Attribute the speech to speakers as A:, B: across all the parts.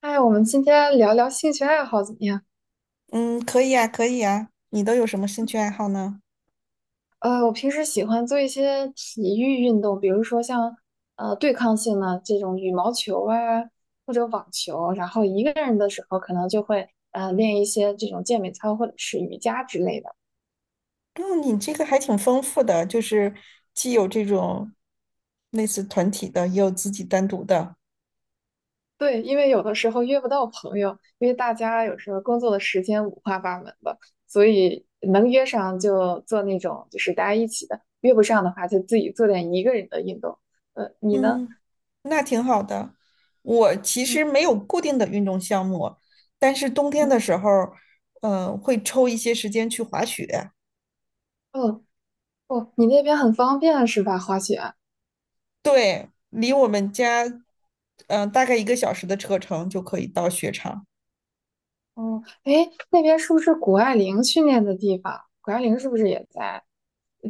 A: 哎，我们今天聊聊兴趣爱好怎么样？
B: 嗯，可以啊，可以啊。你都有什么兴趣爱好呢？
A: 我平时喜欢做一些体育运动，比如说像对抗性的这种羽毛球啊，或者网球。然后一个人的时候，可能就会练一些这种健美操或者是瑜伽之类的。
B: 嗯，你这个还挺丰富的，就是既有这种类似团体的，也有自己单独的。
A: 对，因为有的时候约不到朋友，因为大家有时候工作的时间五花八门的，所以能约上就做那种就是大家一起的，约不上的话就自己做点一个人的运动。你呢？
B: 嗯，那挺好的。我其
A: 嗯
B: 实没有固定的运动项目，但是冬天
A: 嗯。
B: 的时候，会抽一些时间去滑雪。
A: 哦，哦，你那边很方便是吧？滑雪。
B: 对，离我们家，大概1个小时的车程就可以到雪场。
A: 哦，诶，那边是不是谷爱凌训练的地方？谷爱凌是不是也在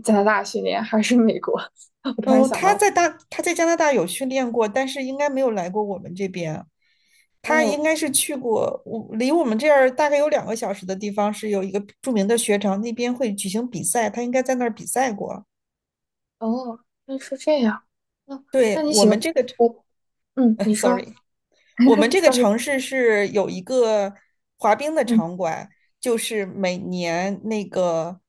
A: 加拿大训练，还是美国？我突然
B: 嗯，
A: 想到，
B: 他在加拿大有训练过，但是应该没有来过我们这边。他
A: 哦
B: 应该是去过，我离我们这儿大概有2个小时的地方是有一个著名的雪场，那边会举行比赛，他应该在那儿比赛过。
A: 哦，那是这样。那
B: 对，
A: 那你
B: 我
A: 喜欢
B: 们这个
A: 我？嗯，你
B: s o r r
A: 说
B: y 我们 这个
A: ，sorry，
B: 城市是有一个滑冰的
A: 嗯
B: 场馆，就是每年那个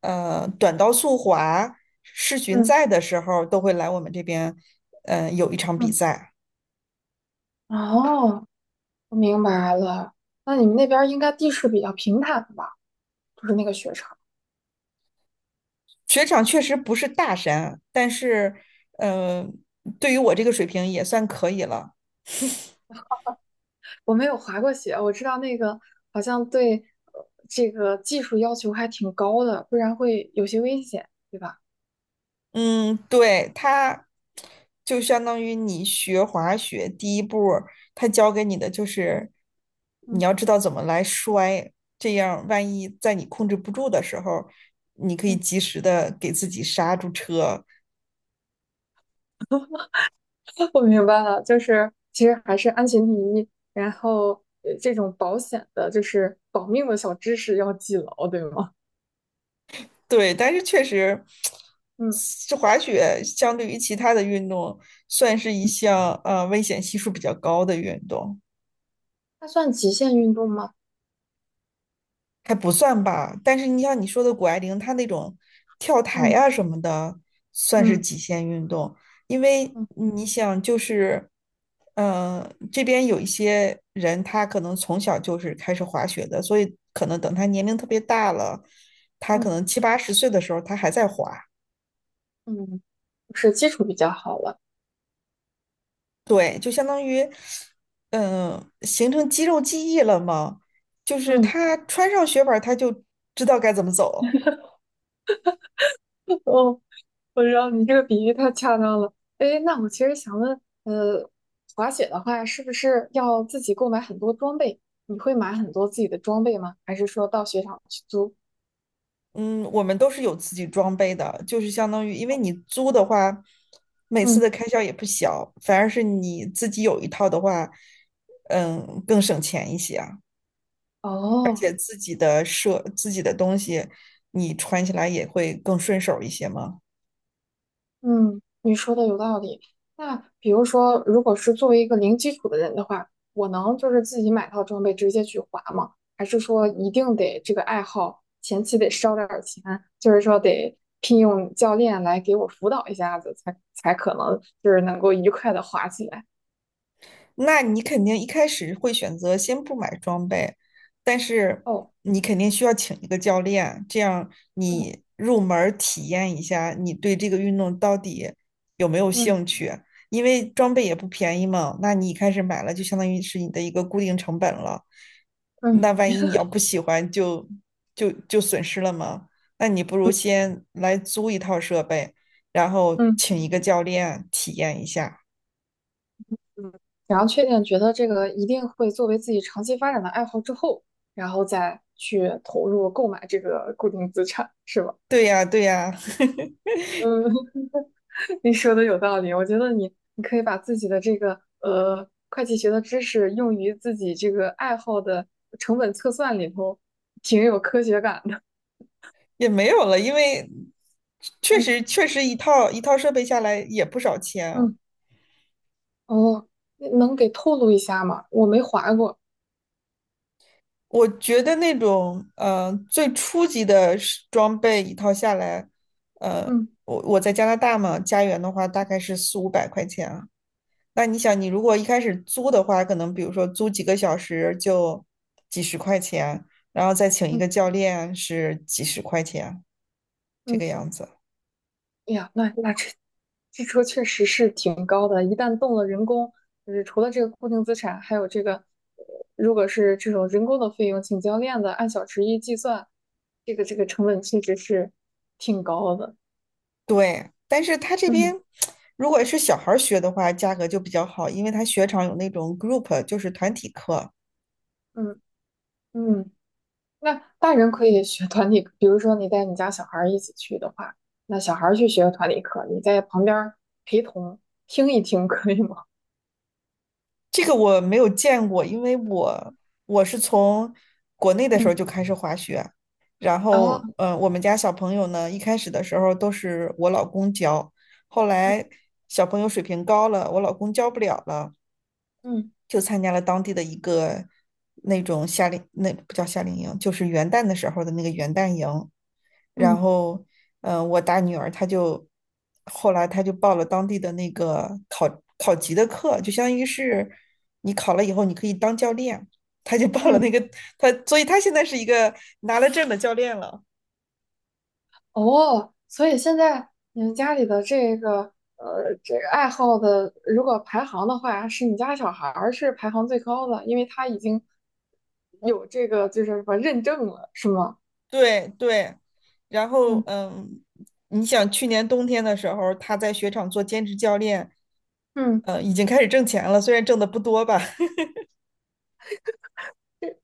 B: 短道速滑世巡
A: 嗯
B: 赛的时候都会来我们这边，有一场比
A: 嗯，
B: 赛。
A: 哦，我明白了。那你们那边应该地势比较平坦吧？就是那个雪场。
B: 雪场确实不是大山，但是呃，对于我这个水平也算可以了。
A: 我没有滑过雪，我知道那个好像对这个技术要求还挺高的，不然会有些危险，对吧？
B: 嗯，对，它就相当于你学滑雪第一步儿，它教给你的就是
A: 嗯
B: 你要知道怎么来摔，这样万一在你控制不住的时候，你可以
A: 嗯，
B: 及时的给自己刹住车。
A: 我明白了，就是其实还是安全第一，然后这种保险的，就是保命的小知识要记牢，对吗？
B: 对，但是确实，
A: 嗯，
B: 这滑雪相对于其他的运动，算是一项危险系数比较高的运动。
A: 它算极限运动吗？
B: 还不算吧，但是你像你说的谷爱凌，她那种跳台
A: 嗯
B: 啊什么的，算是
A: 嗯
B: 极限运动，因为
A: 嗯
B: 你想，就是，嗯，这边有一些人，他可能从小就是开始滑雪的，所以可能等他年龄特别大了，他
A: 嗯
B: 可能七八十岁的时候，他还在滑，
A: 嗯，是基础比较好了。
B: 对，就相当于，形成肌肉记忆了嘛，就是
A: 嗯，
B: 他穿上雪板儿，他就知道该怎么走。
A: 哦。我知道你这个比喻太恰当了。哎，那我其实想问，滑雪的话，是不是要自己购买很多装备？你会买很多自己的装备吗？还是说到雪场去租？
B: 嗯，我们都是有自己装备的，就是相当于，因为你租的话，每次的
A: 嗯，
B: 开销也不小，反而是你自己有一套的话，嗯，更省钱一些啊，而
A: 哦，
B: 且自己的东西，你穿起来也会更顺手一些嘛。
A: 嗯，你说的有道理。那比如说，如果是作为一个零基础的人的话，我能就是自己买套装备直接去滑吗？还是说一定得这个爱好前期得烧点儿钱，就是说得聘用教练来给我辅导一下子，才可能就是能够愉快的滑起来？
B: 那你肯定一开始会选择先不买装备，但是
A: 哦，
B: 你肯定需要请一个教练，这样你入门儿体验一下，你对这个运动到底有没有
A: 嗯
B: 兴趣？因为装备也不便宜嘛，那你一开始买了就相当于是你的一个固定成本了。
A: 嗯
B: 那万一你要不喜欢就损失了嘛？那你不如先来租一套设备，然后
A: 嗯
B: 请一个教练体验一下。
A: 嗯，然后确定觉得这个一定会作为自己长期发展的爱好之后，然后再去投入购买这个固定资产，是吧？
B: 对呀，对呀。
A: 嗯，你说的有道理，我觉得你可以把自己的这个会计学的知识用于自己这个爱好的成本测算里头，挺有科学感的。
B: 也没有了，因为确
A: 嗯
B: 实确实一套一套设备下来也不少钱 啊。
A: 嗯，哦，那能给透露一下吗？我没划过。
B: 我觉得那种最初级的是装备一套下来，呃，
A: 嗯
B: 我在加拿大嘛，加元的话大概是四五百块钱啊。那你想，你如果一开始租的话，可能比如说租几个小时就几十块钱，然后再请一
A: 嗯
B: 个教练是几十块钱，这
A: 嗯，
B: 个样子。
A: 哎呀，那那这这车确实是挺高的，一旦动了人工，就是除了这个固定资产，还有这个，如果是这种人工的费用，请教练的按小时一计算，这个成本确实是挺高的。
B: 对，但是他这边
A: 嗯
B: 如果是小孩儿学的话，价格就比较好，因为他雪场有那种 group，就是团体课。
A: 嗯嗯，那大人可以学团体课比如说你带你家小孩儿一起去的话，那小孩儿去学团体课，你在旁边儿陪同听一听 可以吗？
B: 这个我没有见过，因为我是从国内的时候
A: 嗯
B: 就开始滑雪，然后
A: 啊，
B: 我们家小朋友呢，一开始的时候都是我老公教，后来
A: 嗯
B: 小朋友水平高了，我老公教不了了，
A: 嗯
B: 就参加了当地的一个那不叫夏令营，就是元旦的时候的那个元旦营。然
A: 嗯
B: 后，我大女儿后来她就报了当地的那个考级的课，就相当于是你考了以后你可以当教练，她就报了
A: 嗯，
B: 那个，所以她现在是一个拿了证的教练了。
A: 哦，所以现在你们家里的这个这个爱好的，如果排行的话，是你家小孩儿是排行最高的，因为他已经有这个就是什么认证了，是吗？
B: 对对，然后
A: 嗯
B: 你想去年冬天的时候，他在雪场做兼职教练，
A: 嗯。
B: 已经开始挣钱了，虽然挣的不多吧，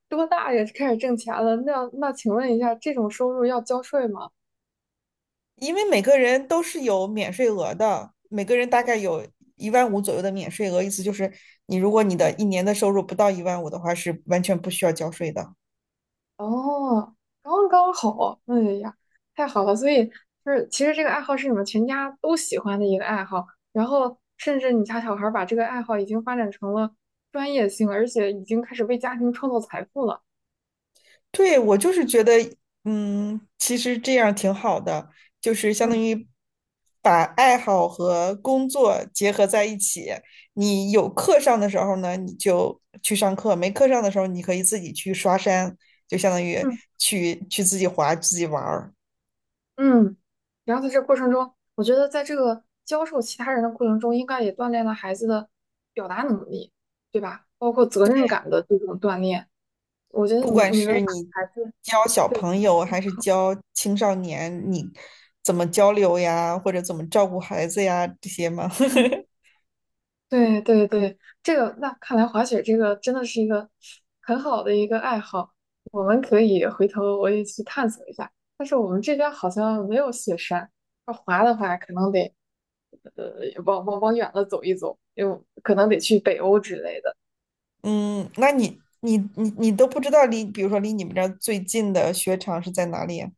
A: 多大也开始挣钱了？那那请问一下，这种收入要交税吗？
B: 因为每个人都是有免税额的，每个人大概有一万五左右的免税额，意思就是你如果你的
A: 嗯
B: 一年的收入不到一万五的话，是完全不需要交税的。
A: 哦，刚刚好，哎呀，太好了！所以就是，其实这个爱好是你们全家都喜欢的一个爱好，然后甚至你家小孩儿把这个爱好已经发展成了专业性，而且已经开始为家庭创造财富了。
B: 对，我就是觉得，嗯，其实这样挺好的，就是相当
A: 嗯
B: 于把爱好和工作结合在一起。你有课上的时候呢，你就去上课；没课上的时候，你可以自己去刷山，就相当于
A: 嗯，
B: 去自己滑、自己玩儿。
A: 嗯，然后在这过程中，我觉得在这个教授其他人的过程中，应该也锻炼了孩子的表达能力，对吧？包括责任感的这种锻炼。我觉得
B: 不
A: 你
B: 管
A: 你们
B: 是
A: 把
B: 你
A: 孩子
B: 教小
A: 对，
B: 朋友还是教青少年，你怎么交流呀，或者怎么照顾孩子呀，这些嘛。
A: 嗯，对对对，这个那看来滑雪这个真的是一个很好的一个爱好，我们可以回头我也去探索一下。但是我们这边好像没有雪山，要滑的话可能得往远了走一走，又可能得去北欧之类的。
B: 嗯，那你都不知道比如说离你们这儿最近的雪场是在哪里啊？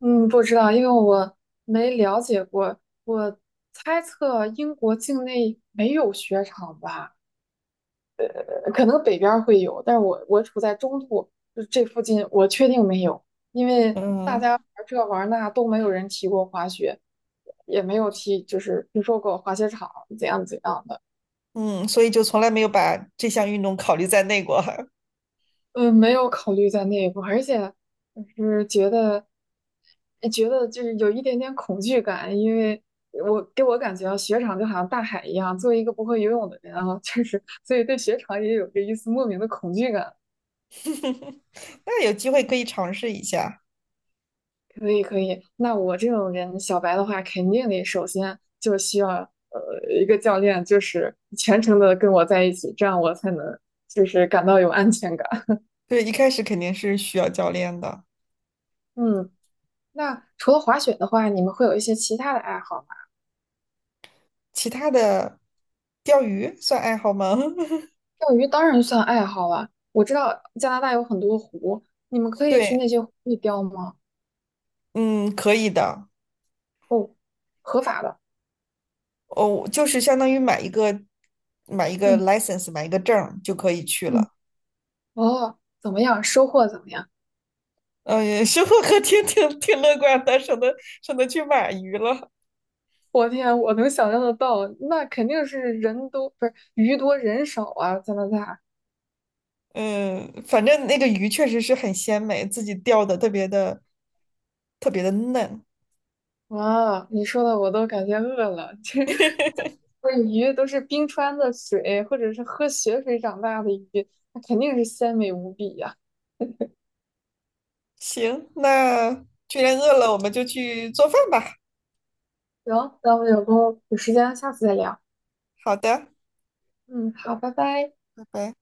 A: 嗯，不知道，因为我没了解过，我猜测英国境内没有雪场吧。可能北边会有，但是我处在中部，就这附近，我确定没有，因为大
B: 嗯
A: 家玩这玩那都没有人提过滑雪，也没有提就是听说过滑雪场怎样怎样的，
B: 嗯，所以就从来没有把这项运动考虑在内过。
A: 嗯，没有考虑在内部，而且就是觉得哎觉得就是有一点点恐惧感，因为我给我感觉啊雪场就好像大海一样，作为一个不会游泳的人啊，确实，所以对雪场也有着一丝莫名的恐惧感。
B: 那有机会可以尝试一下。
A: 可以可以，那我这种人小白的话，肯定得首先就需要一个教练，就是全程的跟我在一起，这样我才能就是感到有安全感。
B: 对，一开始肯定是需要教练的。
A: 嗯，那除了滑雪的话，你们会有一些其他的爱好吗？
B: 其他的，钓鱼算爱好吗？
A: 钓鱼当然算爱好了，我知道加拿大有很多湖，你们 可以去那
B: 对，
A: 些湖里钓吗？
B: 嗯，可以的。
A: 哦，合法的。
B: 哦，就是相当于买一个
A: 嗯
B: license，买一个证儿就可以去
A: 嗯，
B: 了。
A: 哦，怎么样？收获怎么样？
B: 嗯，也是我还挺乐观的，省得去买鱼了。
A: 我天，我能想象得到，那肯定是人多，不是鱼多人少啊，加拿大。
B: 嗯，反正那个鱼确实是很鲜美，自己钓的特别的特别的嫩。
A: 哇，你说的我都感觉饿了。这 不是鱼都是冰川的水，或者是喝雪水长大的鱼，那肯定是鲜美无比呀、
B: 行，那既然饿了，我们就去做饭吧。
A: 行，那我们有空有时间下次再聊。
B: 好的，
A: 嗯，好，拜拜。
B: 拜拜。